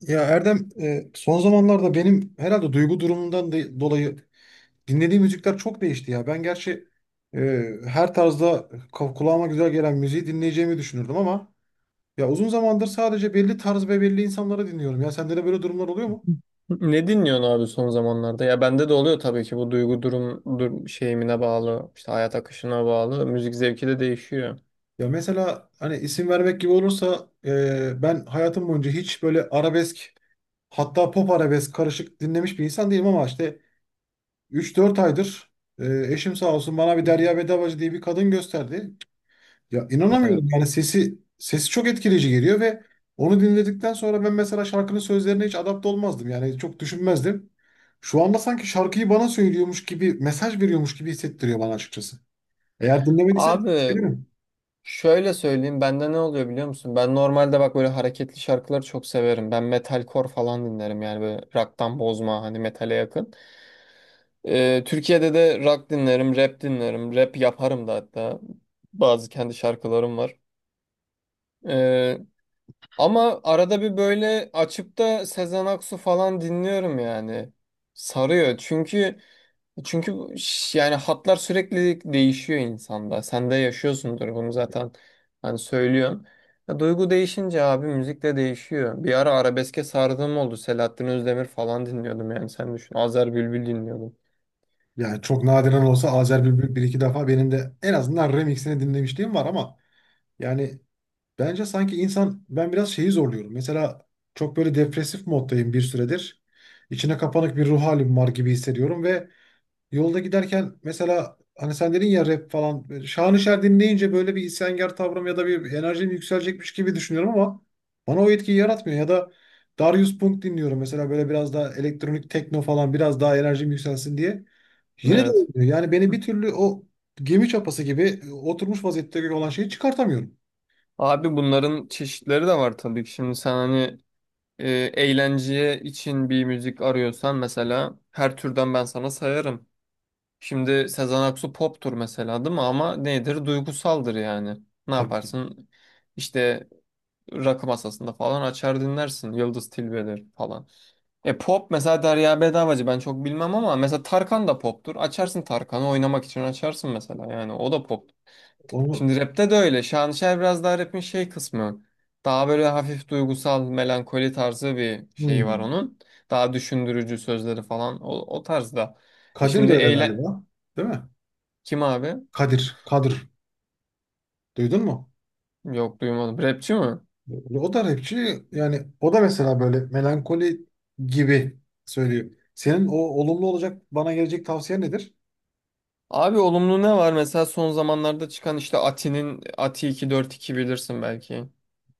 Ya Erdem, son zamanlarda benim herhalde duygu durumumdan dolayı dinlediğim müzikler çok değişti ya. Ben gerçi e, her tarzda kulağıma güzel gelen müziği dinleyeceğimi düşünürdüm ama ya uzun zamandır sadece belli tarz ve belli insanları dinliyorum. Ya sende de böyle durumlar oluyor mu? Ne dinliyorsun abi son zamanlarda? Ya bende de oluyor tabii ki bu duygu durum, dur şeyimine bağlı, işte hayat akışına bağlı. Müzik zevki de değişiyor. Ya mesela hani isim vermek gibi olursa ben hayatım boyunca hiç böyle arabesk hatta pop arabesk karışık dinlemiş bir insan değilim ama işte üç dört aydır eşim sağ olsun bana bir Derya Bedavacı diye bir kadın gösterdi. Ya Evet. inanamıyorum, yani sesi çok etkileyici geliyor ve onu dinledikten sonra ben mesela şarkının sözlerine hiç adapte olmazdım. Yani çok düşünmezdim. Şu anda sanki şarkıyı bana söylüyormuş gibi, mesaj veriyormuş gibi hissettiriyor bana açıkçası. Eğer dinlemediysen tavsiye Abi ederim. şöyle söyleyeyim bende ne oluyor biliyor musun? Ben normalde bak böyle hareketli şarkıları çok severim. Ben metalcore falan dinlerim yani böyle rock'tan bozma hani metale yakın. Türkiye'de de rock dinlerim, rap dinlerim, rap yaparım da hatta. Bazı kendi şarkılarım var. Ama arada bir böyle açıp da Sezen Aksu falan dinliyorum yani. Sarıyor. Çünkü yani hatlar sürekli değişiyor insanda. Sen de yaşıyorsundur bunu zaten. Hani söylüyorsun. Ya duygu değişince abi müzik de değişiyor. Bir ara arabeske sardığım oldu. Selahattin Özdemir falan dinliyordum yani sen düşün. Azer Bülbül dinliyordum. Yani çok nadiren olsa Azer Bülbül bir iki defa benim de en azından remixini dinlemişliğim var ama yani bence sanki insan, ben biraz şeyi zorluyorum. Mesela çok böyle depresif moddayım bir süredir. İçine kapanık bir ruh halim var gibi hissediyorum ve yolda giderken, mesela hani sen dedin ya rap falan. Böyle Şanışer dinleyince böyle bir isyankar tavrım ya da bir enerjim yükselecekmiş gibi düşünüyorum ama bana o etkiyi yaratmıyor. Ya da Darius Punk dinliyorum mesela, böyle biraz daha elektronik tekno falan, biraz daha enerjim yükselsin diye. Yine de Evet. olmuyor. Yani beni bir türlü o gemi çapası gibi oturmuş vaziyette olan şeyi çıkartamıyorum. Abi bunların çeşitleri de var tabii ki. Şimdi sen hani eğlenceye için bir müzik arıyorsan mesela her türden ben sana sayarım. Şimdi Sezen Aksu poptur mesela değil mi? Ama nedir? Duygusaldır yani. Ne Tabii ki. yaparsın? İşte rakı masasında falan açar dinlersin. Yıldız Tilbe'dir falan. E pop mesela Derya Bedavacı ben çok bilmem ama mesela Tarkan da poptur. Açarsın Tarkan'ı oynamak için açarsın mesela yani o da pop. Onu, Şimdi rapte de öyle. Şanışer biraz daha rapin şey kısmı. Daha böyle hafif duygusal, melankoli tarzı bir şeyi var hmm. onun. Daha düşündürücü sözleri falan. O tarzda. E Kadir de şimdi öyle eyle... galiba. Değil mi? Kim abi? Kadir. Kadir. Duydun mu? Yok duymadım. Rapçi mi? O da rapçi, yani o da mesela böyle melankoli gibi söylüyor. Senin o olumlu olacak bana gelecek tavsiye nedir? Abi olumlu ne var? Mesela son zamanlarda çıkan işte Ati'nin Ati 242 bilirsin belki.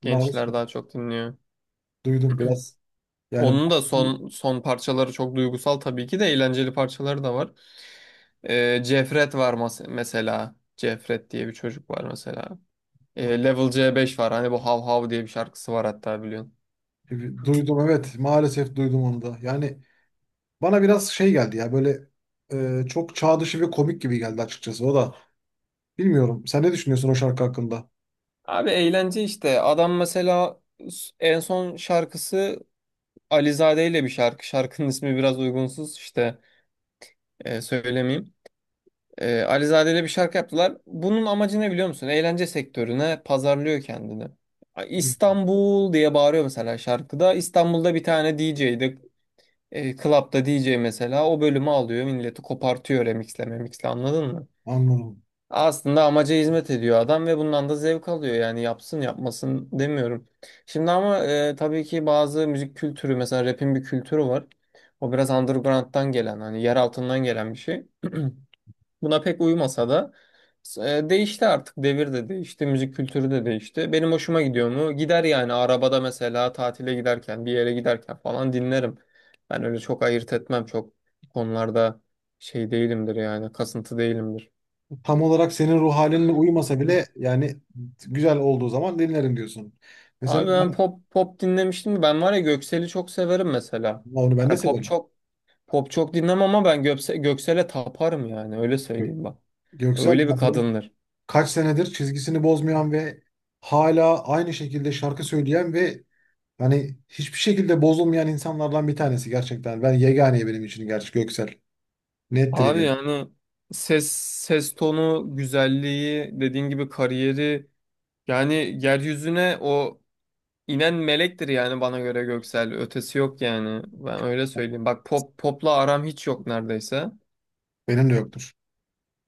Maruz Gençler kaldım. daha çok dinliyor. Duydum biraz. Yani Onun da son son parçaları çok duygusal tabii ki de eğlenceli parçaları da var. Cefret var mesela. Cefret diye bir çocuk var mesela. Level C5 var. Hani bu Hav Hav diye bir şarkısı var hatta biliyorsun. duydum, evet, maalesef duydum onu da. Yani bana biraz şey geldi ya, böyle çok çağ dışı ve komik gibi geldi açıkçası o da. Bilmiyorum. Sen ne düşünüyorsun o şarkı hakkında? Abi eğlence işte. Adam mesela en son şarkısı Alizade ile bir şarkı. Şarkının ismi biraz uygunsuz işte söylemeyeyim. Alizade ile bir şarkı yaptılar. Bunun amacı ne biliyor musun? Eğlence sektörüne pazarlıyor kendini. Hı. İstanbul diye bağırıyor mesela şarkıda. İstanbul'da bir tane DJ'di. Club'da DJ mesela o bölümü alıyor milleti kopartıyor remixle memixle anladın mı? Anladım. Aslında amaca hizmet ediyor adam ve bundan da zevk alıyor yani yapsın yapmasın demiyorum. Şimdi ama tabii ki bazı müzik kültürü mesela rap'in bir kültürü var. O biraz underground'dan gelen hani yer altından gelen bir şey. Buna pek uyumasa da değişti artık. Devir de değişti, müzik kültürü de değişti. Benim hoşuma gidiyor mu? Gider yani arabada mesela tatile giderken, bir yere giderken falan dinlerim. Ben öyle çok ayırt etmem. Çok konularda şey değilimdir yani, kasıntı değilimdir. Tam olarak senin ruh halinle uyumasa Hı. bile yani güzel olduğu zaman dinlerim diyorsun. Mesela Abi ben ben- pop pop dinlemiştim. Ben var ya Göksel'i çok severim mesela. onu ben de Hani severim. Pop çok dinlemem ama ben Göksel'e taparım yani öyle söyleyeyim bak. Göksel Öyle ya bir benim kadındır. kaç senedir çizgisini bozmayan ve hala aynı şekilde şarkı söyleyen ve hani hiçbir şekilde bozulmayan insanlardan bir tanesi gerçekten. Ben yegane benim için gerçi Göksel. Nettir Abi yani. yani ses tonu güzelliği dediğin gibi kariyeri yani yeryüzüne o inen melektir yani bana göre Göksel ötesi yok yani ben öyle söyleyeyim. Bak pop popla aram hiç yok neredeyse. Benim de yoktur.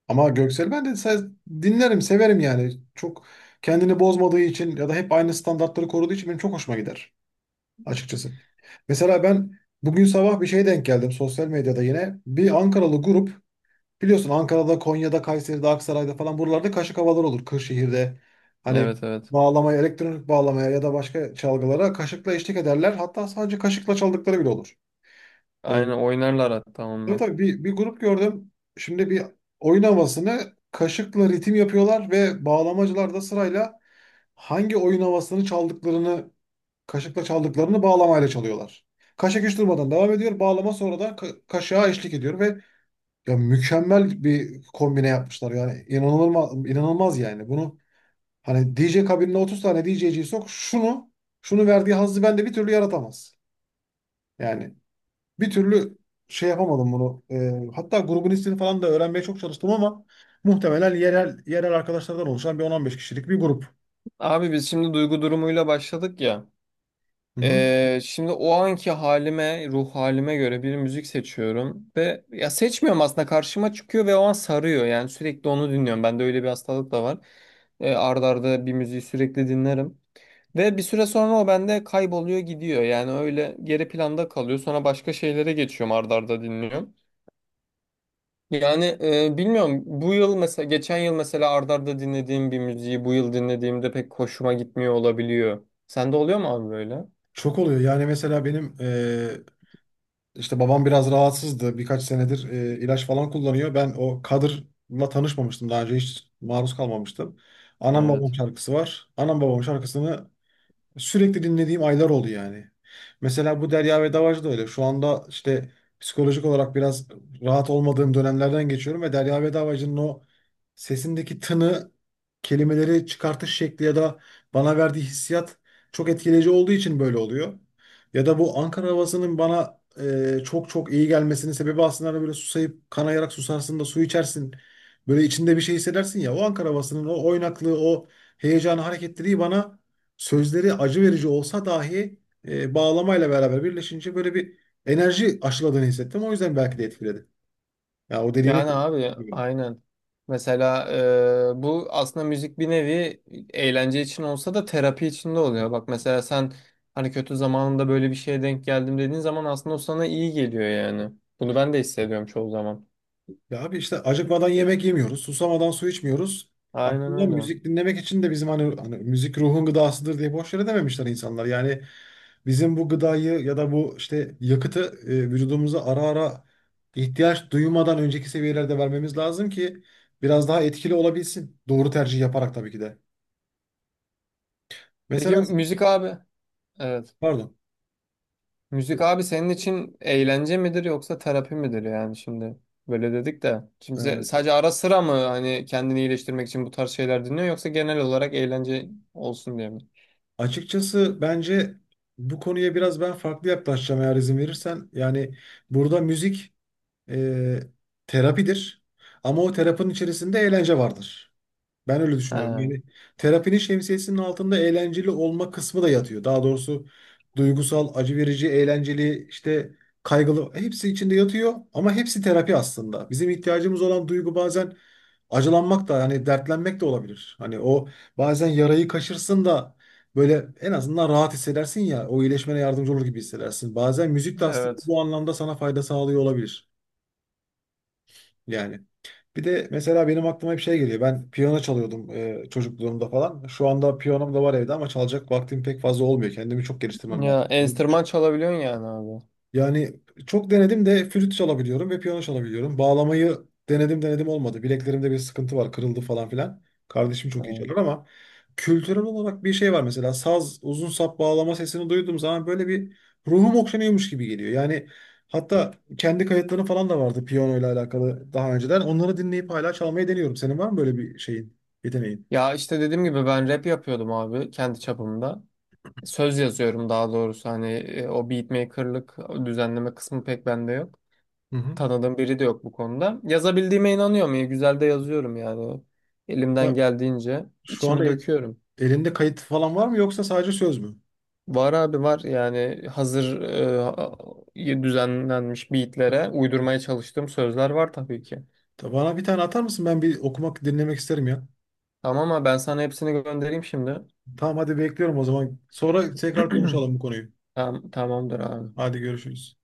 Ama Göksel, ben de dinlerim, severim yani. Çok kendini bozmadığı için ya da hep aynı standartları koruduğu için benim çok hoşuma gider açıkçası. Mesela ben bugün sabah bir şeye denk geldim sosyal medyada yine. Bir Ankaralı grup. Biliyorsun, Ankara'da, Konya'da, Kayseri'de, Aksaray'da falan buralarda kaşık havalar olur. Kırşehir'de hani Evet, evet. bağlamaya, elektronik bağlamaya ya da başka çalgılara kaşıkla eşlik ederler. Hatta sadece kaşıkla çaldıkları bile olur. Ee, Aynen oynarlar hatta tabii onunla. tabii, bir grup gördüm. Şimdi bir oyun havasını kaşıkla ritim yapıyorlar ve bağlamacılar da sırayla hangi oyun havasını çaldıklarını, kaşıkla çaldıklarını bağlamayla çalıyorlar. Kaşık hiç durmadan devam ediyor. Bağlama sonra da kaşığa eşlik ediyor ve ya mükemmel bir kombine yapmışlar, yani inanılmaz inanılmaz yani bunu, hani DJ kabinine 30 tane DJ'ciyi sok, şunu şunu verdiği hazzı bende bir türlü yaratamaz. Yani bir türlü şey yapamadım bunu. Hatta grubun ismini falan da öğrenmeye çok çalıştım ama muhtemelen yerel yerel arkadaşlardan oluşan bir 10-15 kişilik bir grup. Abi biz şimdi duygu durumuyla başladık ya. Hı hı. Şimdi o anki halime, ruh halime göre bir müzik seçiyorum ve ya seçmiyorum aslında karşıma çıkıyor ve o an sarıyor yani sürekli onu dinliyorum. Bende öyle bir hastalık da var. Ard arda bir müziği sürekli dinlerim ve bir süre sonra o bende kayboluyor gidiyor yani öyle geri planda kalıyor. Sonra başka şeylere geçiyorum ard arda dinliyorum. Yani bilmiyorum bu yıl mesela geçen yıl mesela ard arda dinlediğim bir müziği bu yıl dinlediğimde pek hoşuma gitmiyor olabiliyor. Sende oluyor mu abi böyle? Çok oluyor, yani mesela benim İşte babam biraz rahatsızdı. Birkaç senedir ilaç falan kullanıyor. Ben o Kadır'la tanışmamıştım. Daha önce hiç maruz kalmamıştım. Anam babam Evet. şarkısı var. Anam babam şarkısını sürekli dinlediğim aylar oldu yani. Mesela bu Derya ve Davacı da öyle. Şu anda işte psikolojik olarak biraz rahat olmadığım dönemlerden geçiyorum ve Derya ve Davacı'nın o sesindeki tını, kelimeleri çıkartış şekli ya da bana verdiği hissiyat çok etkileyici olduğu için böyle oluyor. Ya da bu Ankara havasının bana çok çok iyi gelmesinin sebebi aslında, hani böyle susayıp kanayarak susarsın da su içersin. Böyle içinde bir şey hissedersin ya. O Ankara havasının o oynaklığı, o heyecanı, hareketliliği bana, sözleri acı verici olsa dahi bağlamayla beraber birleşince böyle bir enerji aşıladığını hissettim. O yüzden belki de etkiledi. Ya o dediğine Yani abi kesinlikle. aynen. Mesela bu aslında müzik bir nevi eğlence için olsa da terapi için de oluyor. Bak mesela sen hani kötü zamanında böyle bir şeye denk geldim dediğin zaman aslında o sana iyi geliyor yani. Bunu ben de hissediyorum çoğu zaman. Ya abi, işte acıkmadan yemek yemiyoruz, susamadan su içmiyoruz. Aynen Aslında öyle. müzik dinlemek için de bizim hani, hani müzik ruhun gıdasıdır diye boş yere dememişler insanlar. Yani bizim bu gıdayı ya da bu işte yakıtı vücudumuza ara ara, ihtiyaç duymadan önceki seviyelerde vermemiz lazım ki biraz daha etkili olabilsin. Doğru tercih yaparak tabii ki de. Peki Mesela, müzik abi, evet. pardon. Müzik abi senin için eğlence midir yoksa terapi midir yani şimdi? Böyle dedik de. Şimdi Ee, sadece ara sıra mı hani kendini iyileştirmek için bu tarz şeyler dinliyor yoksa genel olarak eğlence olsun diye mi? açıkçası bence bu konuya biraz ben farklı yaklaşacağım, eğer izin verirsen. Yani burada müzik e, terapidir ama o terapinin içerisinde eğlence vardır. Ben öyle düşünüyorum. He. Yani terapinin şemsiyesinin altında eğlenceli olma kısmı da yatıyor. Daha doğrusu duygusal, acı verici, eğlenceli, işte kaygılı, hepsi içinde yatıyor ama hepsi terapi aslında. Bizim ihtiyacımız olan duygu bazen acılanmak da, hani dertlenmek de olabilir. Hani o, bazen yarayı kaşırsın da böyle en azından rahat hissedersin ya, o iyileşmene yardımcı olur gibi hissedersin. Bazen müzik de aslında Evet. bu anlamda sana fayda sağlıyor olabilir. Yani. Bir de mesela benim aklıma hep şey geliyor. Ben piyano çalıyordum çocukluğumda falan. Şu anda piyanom da var evde ama çalacak vaktim pek fazla olmuyor. Kendimi çok geliştirmem Ya lazım. enstrüman çalabiliyorsun yani abi. Yani çok denedim de, flüt çalabiliyorum ve piyano çalabiliyorum. Bağlamayı denedim denedim, olmadı. Bileklerimde bir sıkıntı var, kırıldı falan filan. Kardeşim çok iyi Evet. çalar ama kültürel olarak bir şey var mesela. Saz, uzun sap bağlama sesini duyduğum zaman böyle bir ruhum okşanıyormuş gibi geliyor. Yani hatta kendi kayıtlarım falan da vardı piyano ile alakalı daha önceden. Onları dinleyip hala çalmayı deniyorum. Senin var mı böyle bir şeyin, yeteneğin? Ya işte dediğim gibi ben rap yapıyordum abi kendi çapımda. Söz yazıyorum daha doğrusu hani o beatmaker'lık o düzenleme kısmı pek bende yok. Hı hı. Tanıdığım biri de yok bu konuda. Yazabildiğime inanıyorum. İyi güzel de yazıyorum yani. Elimden Ya, geldiğince şu anda içimi döküyorum. elinde kayıt falan var mı, yoksa sadece söz mü? Var abi var yani hazır düzenlenmiş beatlere uydurmaya çalıştığım sözler var tabii ki. Bana bir tane atar mısın? Ben bir okumak, dinlemek isterim ya. Tamam ama ben sana hepsini göndereyim şimdi. Tamam, hadi bekliyorum o zaman. Sonra tekrar konuşalım bu konuyu. Tamamdır abi. Hadi görüşürüz.